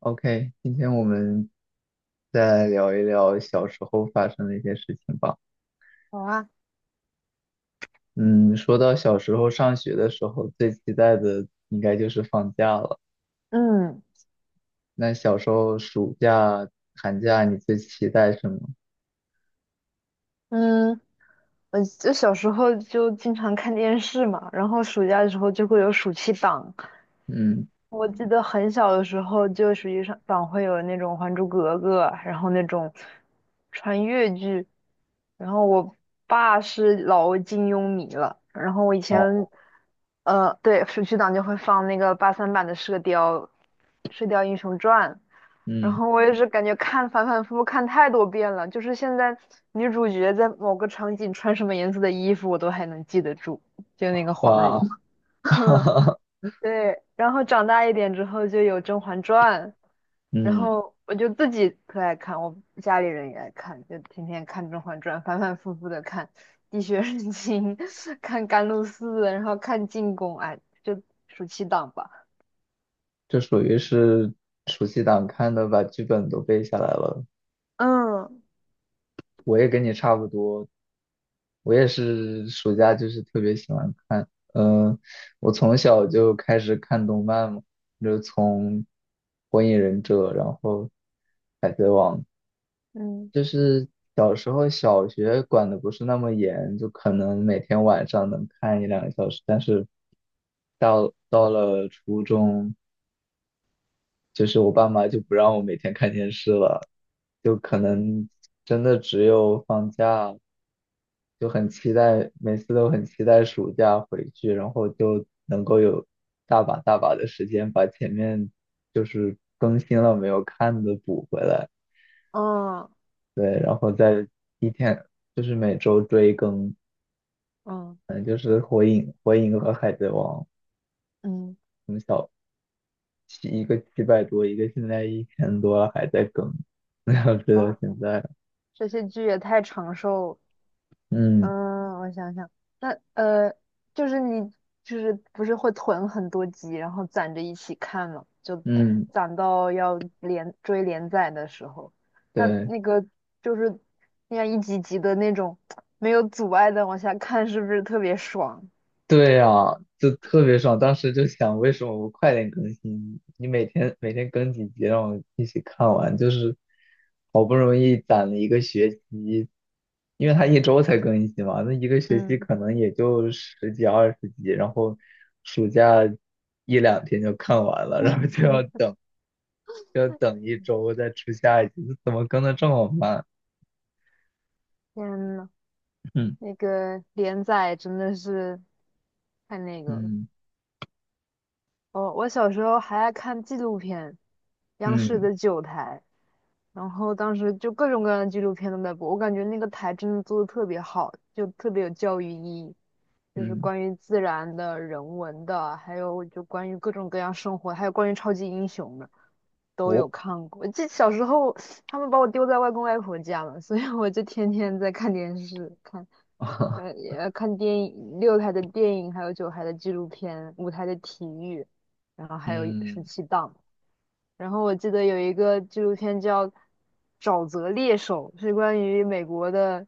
OK，今天我们再聊一聊小时候发生的一些事情吧。好啊，嗯，说到小时候上学的时候，最期待的应该就是放假了。嗯那小时候暑假、寒假，你最期待什么？嗯，我就小时候就经常看电视嘛，然后暑假的时候就会有暑期档。嗯。我记得很小的时候，就实际上党会有那种《还珠格格》，然后那种穿越剧。然后我爸是老金庸迷了，然后我以前，哦。对，暑期档就会放那个83版的《射雕》《射雕英雄传》。然嗯。后我也是感觉看反反复复看太多遍了，就是现在女主角在某个场景穿什么颜色的衣服，我都还能记得住，就那个黄哇，蓉。哈 哈。对，然后长大一点之后就有《甄嬛传》，然嗯。后我就自己特爱看，我家里人也爱看，就天天看《甄嬛传》，反反复复的看《滴血认亲》，看《甘露寺》，然后看《进宫》，哎，就暑期档吧。这属于是暑期档看的，把剧本都背下来了。嗯我也跟你差不多，我也是暑假就是特别喜欢看，嗯、我从小就开始看动漫嘛，就从《火影忍者》，然后《海贼王》，嗯就是小时候小学管的不是那么严，就可能每天晚上能看一两个小时，但是到了初中，就是我爸妈就不让我每天看电视了，就可嗯能真的只有放假。就很期待，每次都很期待暑假回去，然后就能够有大把大把的时间把前面就是更新了没有看的补回来。嗯对，然后再一天就是每周追更。嗯，嗯，就是火影和海贼王，嗯，七一个七百多，一个现在一千多了还在更，然后追到哇，现在。这些剧也太长寿了。嗯嗯，我想想。那呃，就是你就是不是会囤很多集，然后攒着一起看嘛，就嗯。攒到要连追连载的时候。那对。那个就是那样一集集的那种没有阻碍的往下看，是不是特别爽？对呀，就特别爽。当时就想，为什么不快点更新？你每天更几集，让我一起看完，就是好不容易攒了一个学期，因为他一周才更新嘛，那一个学期嗯，可能也就十几二十集，然后暑假一两天就看完了，然后就要 等，就要等一周再出下一集，这怎么更的这么慢？天呐，嗯那个连载真的是太那个了。嗯哦，我小时候还爱看纪录片，央视嗯的九台，然后当时就各种各样的纪录片都在播，我感觉那个台真的做的特别好，就特别有教育意义，就是嗯。关于自然的、人文的，还有就关于各种各样生活，还有关于超级英雄的都有哦，看过。我这小时候他们把我丢在外公外婆家了，所以我就天天在看电视，看也看电影，6台的电影，还有九台的纪录片，5台的体育。然后还有十嗯七档。然后我记得有一个纪录片叫《沼泽猎手》，是关于美国的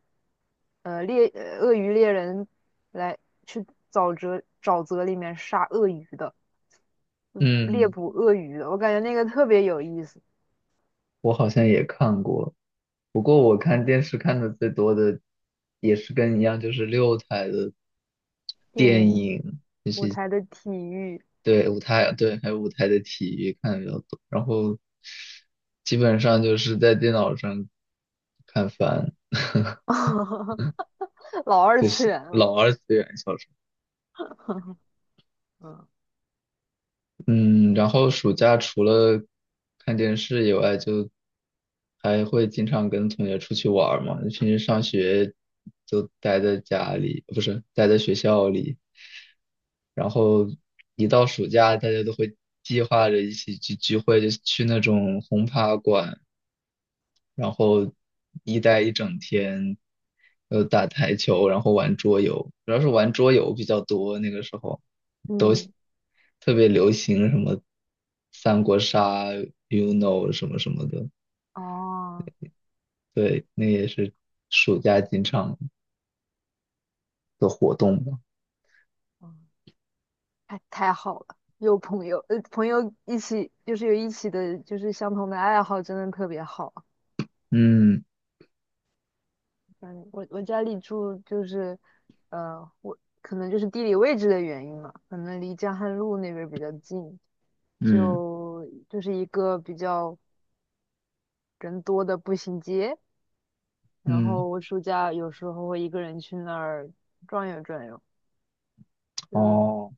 呃猎呃鳄鱼猎人来去沼泽里面杀鳄鱼的，猎嗯。捕鳄鱼的。我感觉那个特别有意思。我好像也看过，不过我看电视看的最多的也是跟你一样，就是六台的电电影影。舞台的体育，对，舞台。对，还有舞台的体育看的比较多，然后基本上就是在电脑上看番。老二就哦次是元了。老二次元小说。嗯嗯，然后暑假除了看电视以外，就还会经常跟同学出去玩儿嘛。平时上学就待在家里，不是待在学校里。然后一到暑假，大家都会计划着一起去聚会，就去那种轰趴馆，然后一待一整天，打台球，然后玩桌游，主要是玩桌游比较多那个时候。嗯特别流行什么三国杀、UNO 什么什么的。哦。对，那也是暑假经常的活动吧。哦太好了，有朋友，朋友一起就是有一起的，就是相同的爱好，真的特别好。嗯嗯，我家里住就是，我可能就是地理位置的原因嘛，可能离江汉路那边儿比较近，嗯就是一个比较人多的步行街。然嗯。后我暑假有时候会一个人去那儿转悠转悠，就是哦。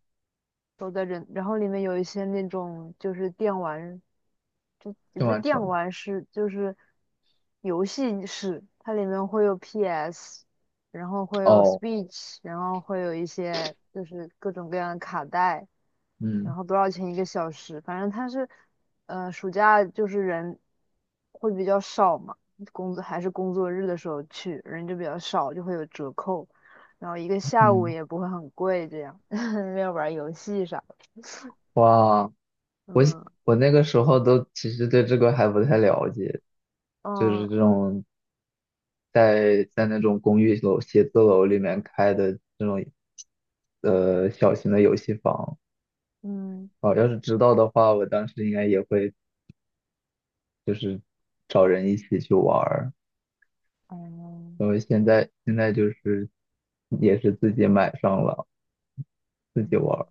都在人，然后里面有一些那种就是电玩。就也郑不是万电成。玩室，就是游戏室，它里面会有 PS，然后会有 s 哦。p e e c h 然后会有一些就是各种各样的卡带，嗯然后多少钱1个小时？反正它是，暑假就是人会比较少嘛，工作还是工作日的时候去，人就比较少，就会有折扣，然后一个下午嗯。也不会很贵，这样 要玩游戏啥的。哇。我嗯我那个时候都其实对这个还不太了解，就是嗯这种在那种公寓楼、写字楼里面开的这种小型的游戏房。嗯哦，要是知道的话，我当时应该也会就是找人一起去玩儿。嗯然后现在就是也是自己买上了，自己玩儿。嗯。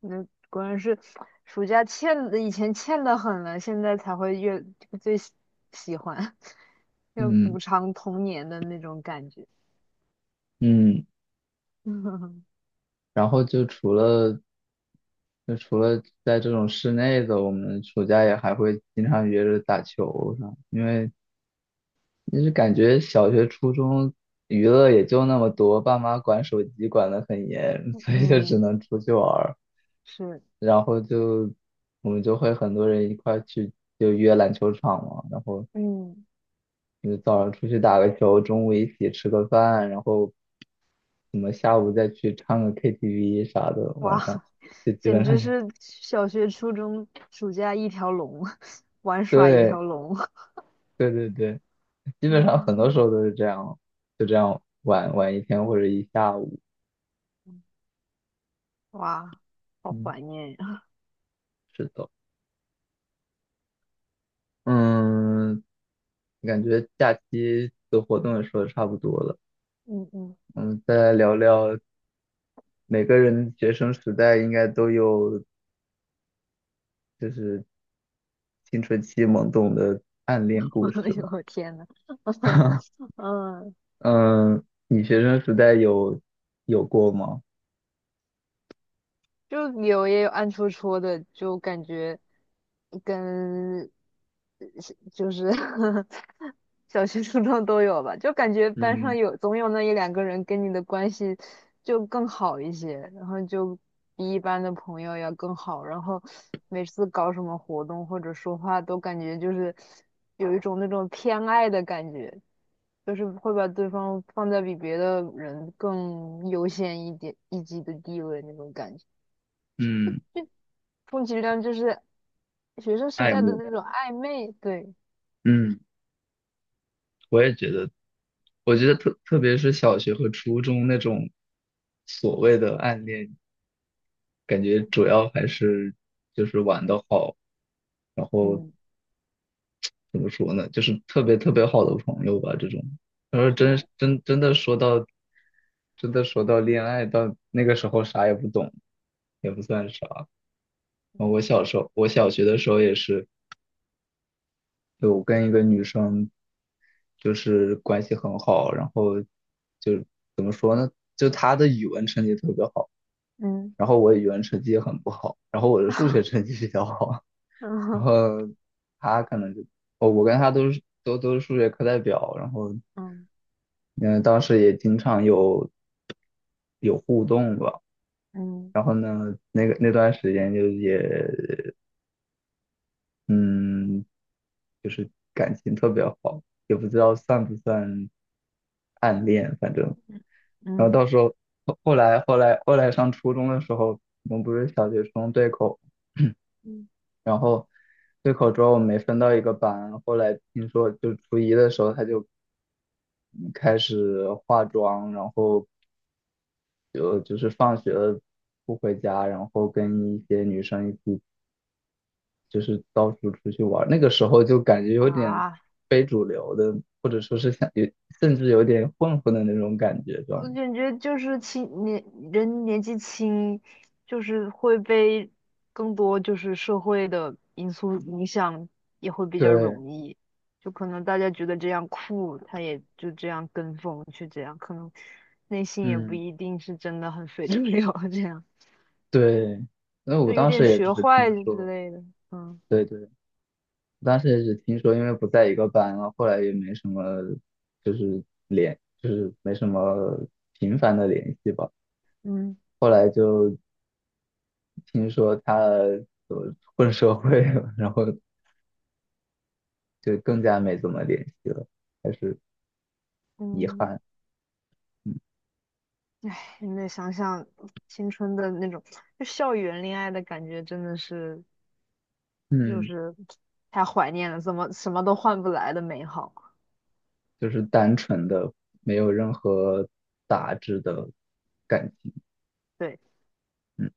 那果然是暑假欠的，以前欠的很了，现在才会越最喜欢，要嗯补偿童年的那种感觉。嗯。然后就除了在这种室内的，我们暑假也还会经常约着打球啥，因为就是感觉小学、初中娱乐也就那么多，爸妈管手机管得很严，所以就只嗯，能出去玩儿。是，然后就我们就会很多人一块儿去就约篮球场嘛，然后嗯，你早上出去打个球，中午一起吃个饭，然后什么下午再去唱个 KTV 啥的，晚哇，上 就基简本上直就 是小学、初中暑假一条龙，玩耍一对条龙。对对对，基本上很多时嗯，候都是这样，就这样玩一天或者一下午。哇，好嗯，怀念呀。是的。嗯。感觉假期的活动也说的差不多了。嗯嗯，嗯，再来聊聊每个人学生时代应该都有就是青春期懵懂的暗恋故事 嘛。我天呐，嗯。嗯，你学生时代有过吗？就有也有暗戳戳的，就感觉跟就是 小学、初中都有吧，就感觉班上嗯有总有那一两个人跟你的关系就更好一些，然后就比一般的朋友要更好，然后每次搞什么活动或者说话都感觉就是有一种那种偏爱的感觉，就是会把对方放在比别的人更优先一点一级的地位那种感觉。嗯。充其量就是学生时爱代的慕。那种暧昧。对，嗯，我也觉得，我觉得特别是小学和初中那种所谓嗯的暗恋，感觉主要还是就是玩的好，嗯怎么说呢，就是特别特别好的朋友吧，这种。然后是，真的说到恋爱，到那个时候啥也不懂，也不算啥。我小学的时候也是。就我跟一个女生就是关系很好，然后就怎么说呢？就她的语文成绩特别好，嗯然后我语文成绩也很不好，然后我的数学成绩比较好，然嗯后她可能就我跟她都是数学课代表，然后嗯嗯当时也经常有互动吧，嗯然后呢那个那段时间就也嗯。就是感情特别好，也不知道算不算暗恋，反正，然后嗯到时候后来上初中的时候，我们不是小学生对口，嗯 然后对口之后我们没分到一个班，后来听说就初一的时候他就开始化妆，然后就是放学了不回家，然后跟一些女生一起。就是到处出去玩儿那个时候就感觉有点啊，非主流的，或者说是像有，甚至有点混混的那种感觉，知道我吗？感觉就是轻年人年纪轻，就是会被更多就是社会的因素影响，也会比较对。容易，就可能大家觉得这样酷，他也就这样跟风去这样，可能内心也不嗯。一定是真的很 非主流这样。对。那我就有当时点也只学是听坏之说。类的。嗯对，我当时也只听说，因为不在一个班了，后来也没什么，就是联，就是没什么频繁的联系吧。嗯，后来就听说他混社会了，然后就更加没怎么联系了，还是遗嗯，憾。现在想想青春的那种，就校园恋爱的感觉，真的是就嗯。是太怀念了，怎么什么都换不来的美好。就是单纯的，没有任何杂质的感情。对。嗯。